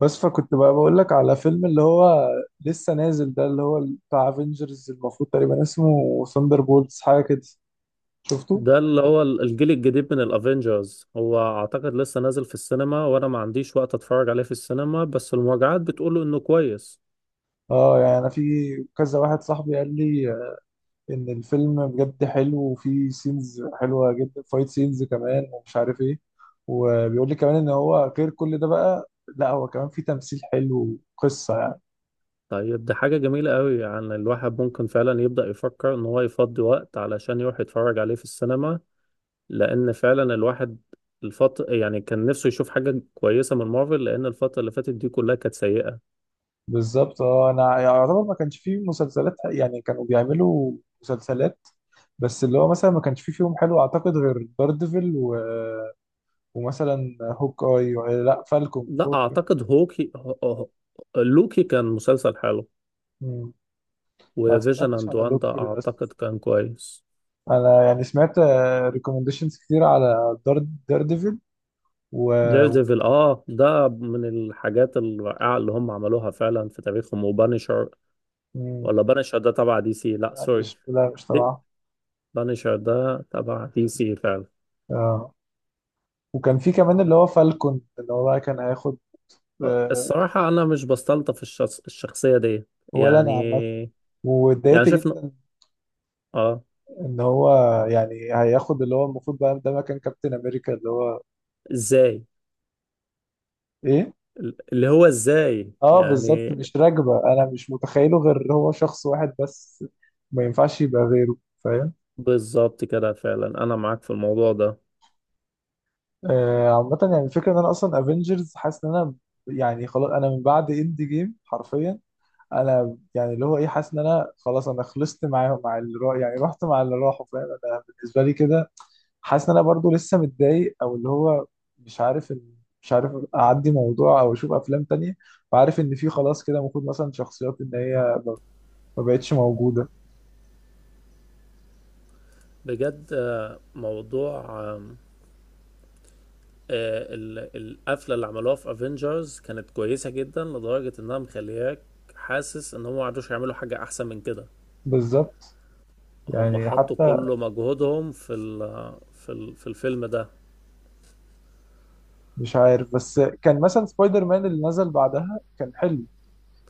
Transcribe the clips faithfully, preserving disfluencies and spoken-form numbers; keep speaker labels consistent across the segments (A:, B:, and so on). A: بس فكنت بقى بقول لك على فيلم اللي هو لسه نازل ده اللي هو بتاع افنجرز، المفروض تقريبا اسمه ثاندر بولتس حاجه كده. شفته؟
B: ده اللي هو ال- الجيل الجديد من الافينجرز. هو اعتقد لسه نازل في السينما، وانا ما عنديش وقت اتفرج عليه في السينما، بس المراجعات بتقوله انه كويس.
A: اه، يعني انا في كذا واحد صاحبي قال لي ان الفيلم بجد حلو وفي سينز حلوه جدا، فايت سينز كمان ومش عارف ايه. وبيقول لي كمان ان هو غير كل ده بقى، لا هو كمان في تمثيل حلو وقصه يعني
B: طيب دي حاجة جميلة قوي، يعني الواحد ممكن فعلا يبدأ يفكر ان هو يفضي وقت علشان يروح يتفرج عليه في السينما. لان فعلا الواحد الفترة يعني كان نفسه يشوف حاجة كويسة من مارفل، لان الفترة اللي فاتت دي كلها كانت سيئة.
A: بالظبط. اه، انا يعني يعتبر ما كانش فيه مسلسلات، يعني كانوا بيعملوا مسلسلات بس اللي هو مثلا ما كانش فيه فيهم حلو اعتقد غير داردفل و... ومثلا هوك اي و... لا فالكون
B: لا
A: فوق.
B: اعتقد هوكي هو- هو- لوكي كان مسلسل حلو،
A: مم. ما
B: وفيجن
A: اتفرجتش
B: اند
A: على
B: واندا
A: لوكي
B: اعتقد
A: للاسف.
B: كان كويس.
A: انا يعني سمعت ريكومنديشنز كتير على دارد داردفل و... و...
B: ديردevil اه، ده من الحاجات الرائعة اللي هم عملوها فعلا في تاريخهم. وبانشر،
A: مم.
B: ولا بانشر ده تبع دي سي؟ لا
A: لا مش،
B: سوري،
A: لا مش تبعه.
B: بانشر ده تبع دي سي فعلا.
A: آه. وكان في كمان اللي هو فالكون اللي هو بقى كان هياخد. آه،
B: الصراحة أنا مش بستلطف الشخص الشخصية دي.
A: ولا انا عامه.
B: يعني يعني
A: واتضايقت
B: شفنا،
A: جدا
B: اه.
A: ان هو يعني هياخد اللي هو المفروض بقى ده مكان كابتن امريكا اللي هو
B: ازاي؟
A: ايه.
B: اللي هو ازاي
A: اه بالظبط،
B: يعني؟
A: مش راكبه، انا مش متخيله غير هو شخص واحد بس، ما ينفعش يبقى غيره، فاهم؟
B: بالظبط كده فعلا، أنا معاك في الموضوع ده.
A: آه عامه، يعني الفكره ان انا اصلا افنجرز حاسس ان انا يعني خلاص، انا من بعد اند جيم حرفيا انا يعني اللي هو ايه حاسس ان انا خلاص، انا خلصت معاهم مع اللي راح، يعني رحت مع اللي راحوا، فاهم؟ انا بالنسبه لي كده حاسس ان انا برضو لسه متضايق، او اللي هو مش عارف إن، مش عارف اعدي موضوع او اشوف افلام تانية، وعارف ان في خلاص كده المفروض مثلا شخصيات ان هي ما ما بقتش موجوده.
B: بجد آه، موضوع آه، ال- القفله اللي عملوها في افنجرز كانت كويسه جدا، لدرجه انها مخلياك حاسس ان هم ما عرفوش يعملوا حاجه احسن من كده.
A: بالظبط،
B: هم
A: يعني
B: حطوا
A: حتى
B: كل مجهودهم في ال في ال في الفيلم ده.
A: مش عارف. بس كان مثلا سبايدر مان اللي نزل بعدها كان حلو،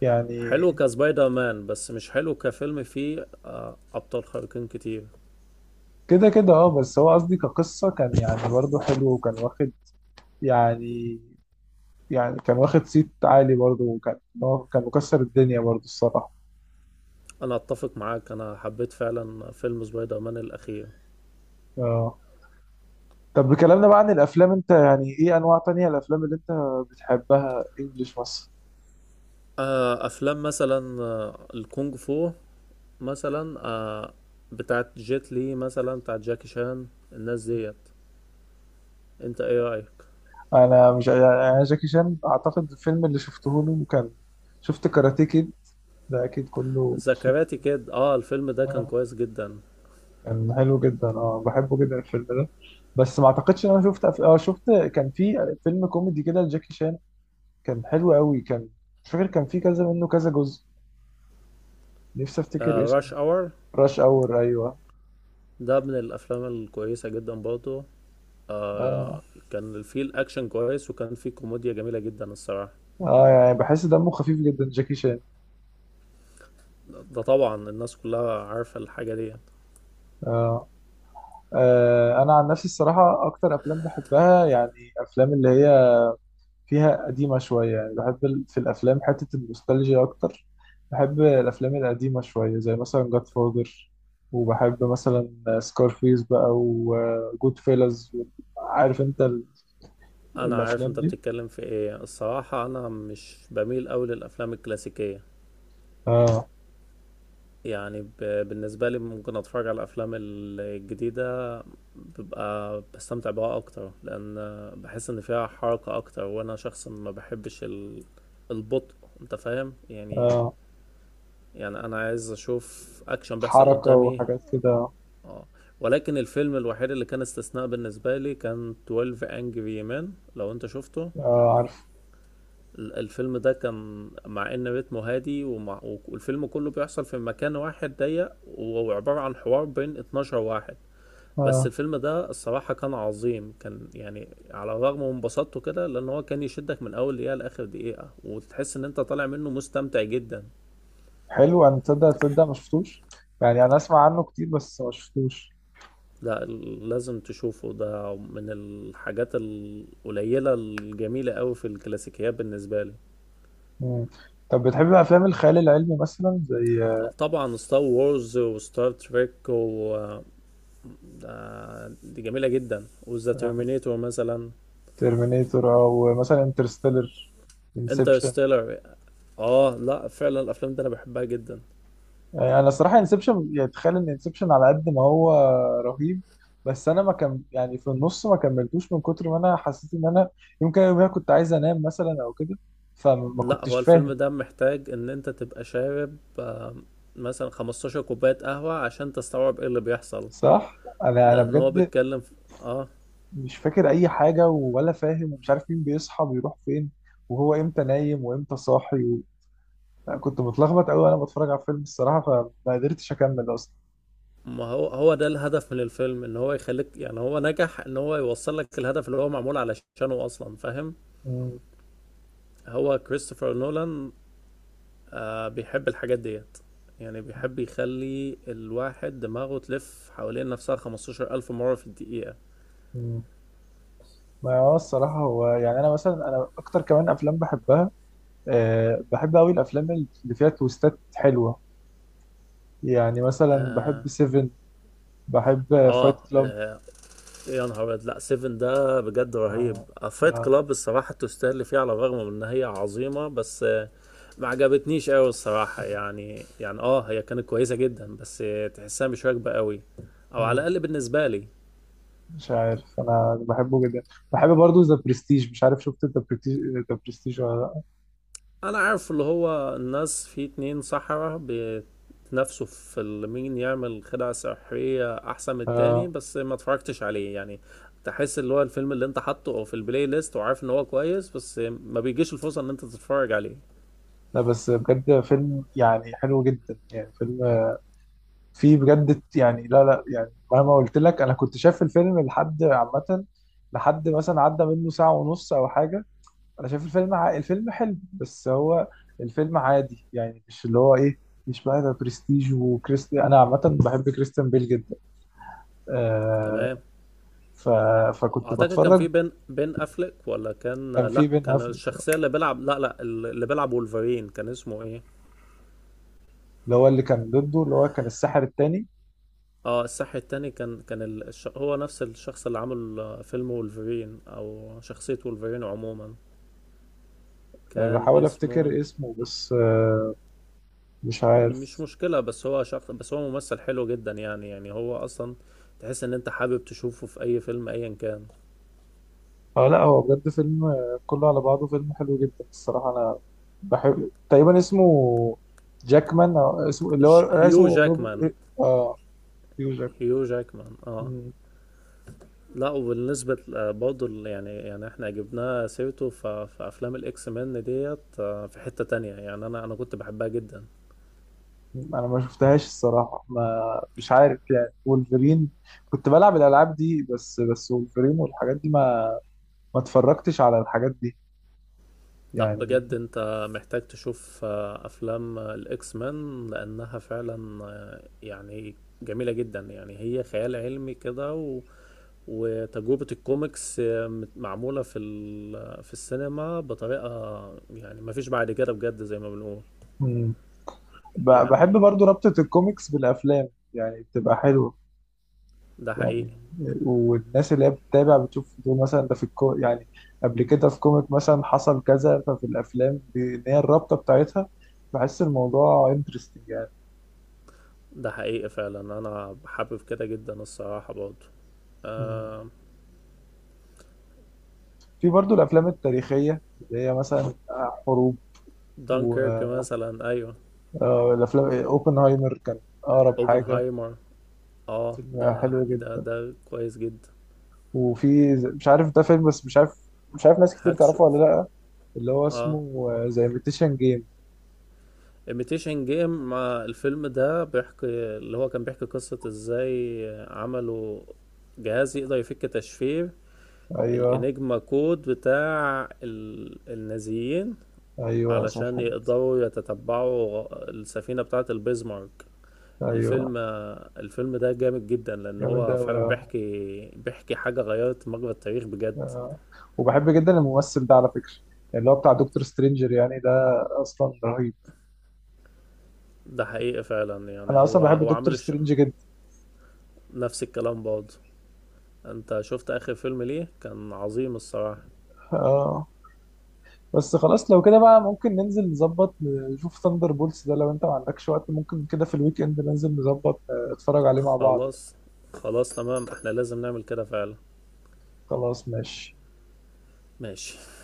A: يعني
B: حلو كسبايدر مان، بس مش حلو كفيلم فيه آه، ابطال خارقين كتير.
A: كده كده اه. بس هو قصدي كقصة كان يعني برضه حلو وكان واخد، يعني يعني كان واخد صيت عالي برضه، وكان هو كان مكسر الدنيا برضه الصراحة.
B: انا اتفق معاك، انا حبيت فعلا فيلم سبايدر مان الاخير.
A: اه. طب بكلامنا بقى عن الأفلام، أنت يعني إيه أنواع تانية الأفلام اللي أنت بتحبها؟ إنجلش مثلا؟
B: آه، افلام مثلا آه، الكونغ فو، مثلا آه، بتاعت جيت لي، مثلا بتاعت جاكي شان. الناس ديت، انت ايه رايك؟
A: أنا مش يعني أنا جاكي شان أعتقد الفيلم اللي شفته له كان، شفت كاراتيه كيد ده أكيد كله شفت.
B: ذكرياتي كده، اه الفيلم ده كان كويس جدا.
A: كان حلو جدا، اه بحبه جدا الفيلم ده. بس ما اعتقدش ان انا شفت أف... اه شفت، كان في فيلم كوميدي كده لجاكي شان، كان حلو قوي، كان مش فاكر كان في كذا منه، كذا جزء، نفسي افتكر
B: آه راش
A: اسمه.
B: اور،
A: راش اور، ايوه.
B: ده من الافلام الكويسه جدا برضه. آه،
A: اه،
B: كان فيه الاكشن كويس وكان فيه كوميديا جميله جدا الصراحه.
A: اه، يعني بحس دمه خفيف جدا جاكي شان.
B: ده طبعا الناس كلها عارفه الحاجه دي.
A: آه. آه انا عن نفسي الصراحه اكتر افلام بحبها يعني افلام اللي هي فيها قديمة شوية، يعني بحب ال- في الأفلام حتة النوستالجيا أكتر. بحب الأفلام القديمة شوية زي مثلا جاد فاذر، وبحب مثلا سكارفيس بقى، وجود فيلز. عارف أنت ال-
B: انا عارف
A: الأفلام
B: انت
A: دي؟
B: بتتكلم في ايه، الصراحه انا مش بميل قوي للافلام الكلاسيكيه.
A: آه.
B: يعني ب... بالنسبة لي ممكن أتفرج على الأفلام الجديدة، ببقى بستمتع بها أكتر، لأن بحس إن فيها حركة أكتر، وأنا شخص ما بحبش ال... البطء. أنت فاهم يعني؟
A: آه.
B: يعني أنا عايز أشوف أكشن بيحصل
A: حركة
B: قدامي،
A: وحاجات كده.
B: اه. ولكن الفيلم الوحيد اللي كان استثناء بالنسبة لي كان 12 Angry Men، لو أنت شفته.
A: آه، عارف.
B: ال- الفيلم ده كان مع ان رتمه هادي، ومع والفيلم كله بيحصل في مكان واحد ضيق، وهو عبارة عن حوار بين اتناشر واحد. بس
A: آه.
B: الفيلم ده الصراحة كان عظيم، كان يعني على الرغم من بساطته كده، لأن هو كان يشدك من أول دقيقة لآخر دقيقة، وتحس إن أنت طالع منه مستمتع جدا.
A: حلو. أنا تصدق تصدق ما شفتوش، يعني أنا أسمع عنه كتير بس ما شفتوش.
B: لا، ال- لازم تشوفه، ده من الحاجات القليلة الجميلة أوي في الكلاسيكيات بالنسبة لي.
A: مم. طب بتحب أفلام الخيال العلمي مثلا زي
B: طبعا ستار وورز وستار تريك، و ده دي جميلة جدا، وذا
A: آه،
B: ترمينيتور مثلا.
A: ترمينيتور، او مثلا انترستيلر، انسبشن؟
B: انترستيلر، اه لا فعلا الافلام دي انا بحبها جدا.
A: يعني انا الصراحه انسبشن، يعني تخيل ان انسبشن على قد ما هو رهيب بس انا ما كم يعني في النص ما كملتوش من كتر ما انا حسيت ان انا يمكن يوميها كنت عايز انام مثلا او كده، فما
B: لا هو
A: كنتش
B: الفيلم
A: فاهم.
B: ده محتاج ان انت تبقى شارب آه، مثلا خمستاشر كوباية قهوة عشان تستوعب ايه اللي بيحصل،
A: صح، انا انا
B: لان هو
A: بجد
B: بيتكلم في... اه.
A: مش فاكر اي حاجه ولا فاهم، ومش عارف مين بيصحى بيروح فين، وهو امتى نايم وامتى صاحي و... يعني كنت متلخبط قوي وانا بتفرج على الفيلم الصراحه، فما قدرتش اكمل اصلا.
B: ما هو هو ده الهدف من الفيلم، ان هو يخليك، يعني هو نجح ان هو يوصل لك الهدف اللي هو معمول علشانه اصلا، فاهم؟ هو كريستوفر نولان، آه بيحب الحاجات ديت، يعني بيحب يخلي الواحد دماغه تلف حوالين نفسها خمستاشر الف مرة في الدقيقة.
A: مم. ما هو الصراحة هو يعني أنا مثلا أنا أكتر كمان أفلام بحبها، أه بحب أوي الأفلام اللي فيها تويستات حلوة، يعني مثلا
B: آه,
A: بحب سيفن، بحب
B: آه,
A: فايت كلاب.
B: آه يا نهار أبيض، لأ سيفن ده بجد رهيب.
A: أه.
B: فايت
A: أه.
B: كلاب الصراحة تستاهل اللي فيه، على الرغم من إن هي عظيمة، بس آه ما عجبتنيش أوي الصراحة، يعني يعني آه هي كانت كويسة جدا، بس آه، تحسها مش راكبة أوي، أو على
A: مم،
B: الأقل بالنسبة لي.
A: مش عارف، أنا بحبه جدا. بحب برضو ذا برستيج. مش عارف شفت ذا برستيج ذا برستيج ولا لأ؟
B: انا عارف اللي هو الناس في اتنين سحرة بيتنافسوا في ال- مين يعمل خدعة سحرية احسن من التاني،
A: أه.
B: بس ما اتفرجتش عليه يعني. تحس اللي هو الفيلم اللي انت حاطه أو في البلاي ليست، وعارف ان هو كويس، بس ما بيجيش الفرصة ان انت تتفرج عليه.
A: لا بس بجد فيلم يعني حلو جدا، يعني فيلم فيه بجد، يعني لا لا يعني مهما قلت لك أنا كنت شايف الفيلم لحد عامة، لحد مثلا عدى منه ساعة ونص أو حاجة، انا شايف الفيلم ع... الفيلم حلو بس هو الفيلم عادي، يعني مش اللي هو ايه، مش بقى ده برستيج. وكريستي انا عامه بحب كريستيان بيل جدا. آه.
B: تمام.
A: ف... فكنت
B: اعتقد كان
A: بتفرج.
B: في بين بين افلك، ولا كان
A: كان في
B: لا
A: بين
B: كان
A: افريك،
B: الشخصية اللي بيلعب، لا لا اللي بيلعب وولفرين، كان اسمه ايه؟
A: اللي هو اللي كان ضده اللي هو كان الساحر التاني.
B: اه الساحر التاني، كان كان ال- الش... هو نفس الشخص اللي عمل فيلم وولفرين، او شخصية وولفرين عموما،
A: آه،
B: كان
A: بحاول
B: اسمه.
A: افتكر اسمه بس آه، مش
B: مش
A: عارف.
B: مشكلة، بس هو شخص، بس هو ممثل حلو جدا يعني، يعني هو أصلا تحس إن أنت حابب تشوفه في أي فيلم أيا كان.
A: اه لا هو بجد فيلم آه، كله على بعضه فيلم حلو جدا الصراحه. انا بحب تقريبا اسمه جاكمان أو اسمه اللي هو
B: ج-
A: آه، اسمه
B: هيو جاكمان.
A: روبرت اه. هيو
B: هيو جاكمان، اه.
A: جاك.
B: لا وبالنسبة آه، برضه ال- يعني يعني احنا جبناه سيرته ف- في أفلام الإكس مان ديت، آه، في حتة تانية يعني، أنا أنا كنت بحبها جدا.
A: انا ما شفتهاش الصراحه، ما مش عارف يعني وولفرين، كنت بلعب الالعاب دي بس. بس وولفرين والحاجات دي ما ما اتفرجتش على الحاجات دي،
B: لا
A: يعني.
B: بجد أنت محتاج تشوف آه، أفلام آه، الإكس مان، لأنها فعلا آه، يعني جميلة جدا، يعني هي خيال علمي كده، و وتجربة الكوميكس معمولة في ال- في السينما بطريقة يعني مفيش بعد كده بجد، زي ما بنقول
A: مم. ب- بحب
B: يعني.
A: برضو ربطه الكوميكس بالافلام، يعني بتبقى حلوه،
B: ده
A: يعني.
B: حقيقي.
A: والناس اللي هي بتتابع بتشوف بتقول مثلا ده في الكو، يعني قبل كده في كوميك مثلا حصل كذا، ففي الافلام ب- ان هي الرابطه بتاعتها، بحس الموضوع انترستنج يعني.
B: ده حقيقي فعلا، انا حابب كده جدا الصراحة برضه،
A: مم.
B: آه.
A: في برضو الافلام التاريخيه اللي هي مثلا آه، حروب
B: دانكيرك
A: والافلام.
B: مثلا، ايوه.
A: اوبنهايمر كان اقرب حاجه،
B: اوبنهايمر، اه
A: فيلم
B: ده
A: حلو
B: ده
A: جدا.
B: ده كويس جدا.
A: وفي ز- مش عارف ده فيلم بس مش عارف، مش عارف ناس كتير
B: هاكسو.
A: تعرفه ولا لا، اللي هو
B: اه
A: اسمه زي ميتيشن جيم.
B: imitation game. ما الفيلم ده بيحكي، اللي هو كان بيحكي قصة ازاي عملوا جهاز يقدر يفك تشفير
A: ايوه،
B: الانجما كود بتاع ال- النازيين،
A: ايوه صح
B: علشان
A: كده.
B: يقدروا يتتبعوا السفينة بتاعة البيزمارك.
A: ايوه،
B: الفيلم الفيلم ده جامد جدا، لان
A: جامد
B: هو
A: قوي
B: فعلا
A: اه.
B: بيحكي بيحكي حاجة غيرت مجرى التاريخ بجد.
A: آه. وبحب جدا الممثل ده على فكره، اللي هو بتاع دكتور سترينجر، يعني ده اصلا رهيب.
B: ده حقيقي فعلا، يعني
A: انا اصلا
B: هو
A: بحب
B: هو
A: دكتور
B: عامل الش...
A: سترينج جدا.
B: نفس الكلام برضه. انت شفت اخر فيلم ليه، كان عظيم الصراحة.
A: اه. بس خلاص لو كده بقى ممكن ننزل نظبط نشوف ثاندر بولتس ده، لو انت ما عندكش وقت ممكن كده في الويك اند ننزل نظبط آه، اتفرج عليه مع بعض يعني.
B: خلاص. خلاص تمام، احنا لازم نعمل كده فعلا.
A: خلاص ماشي.
B: ماشي.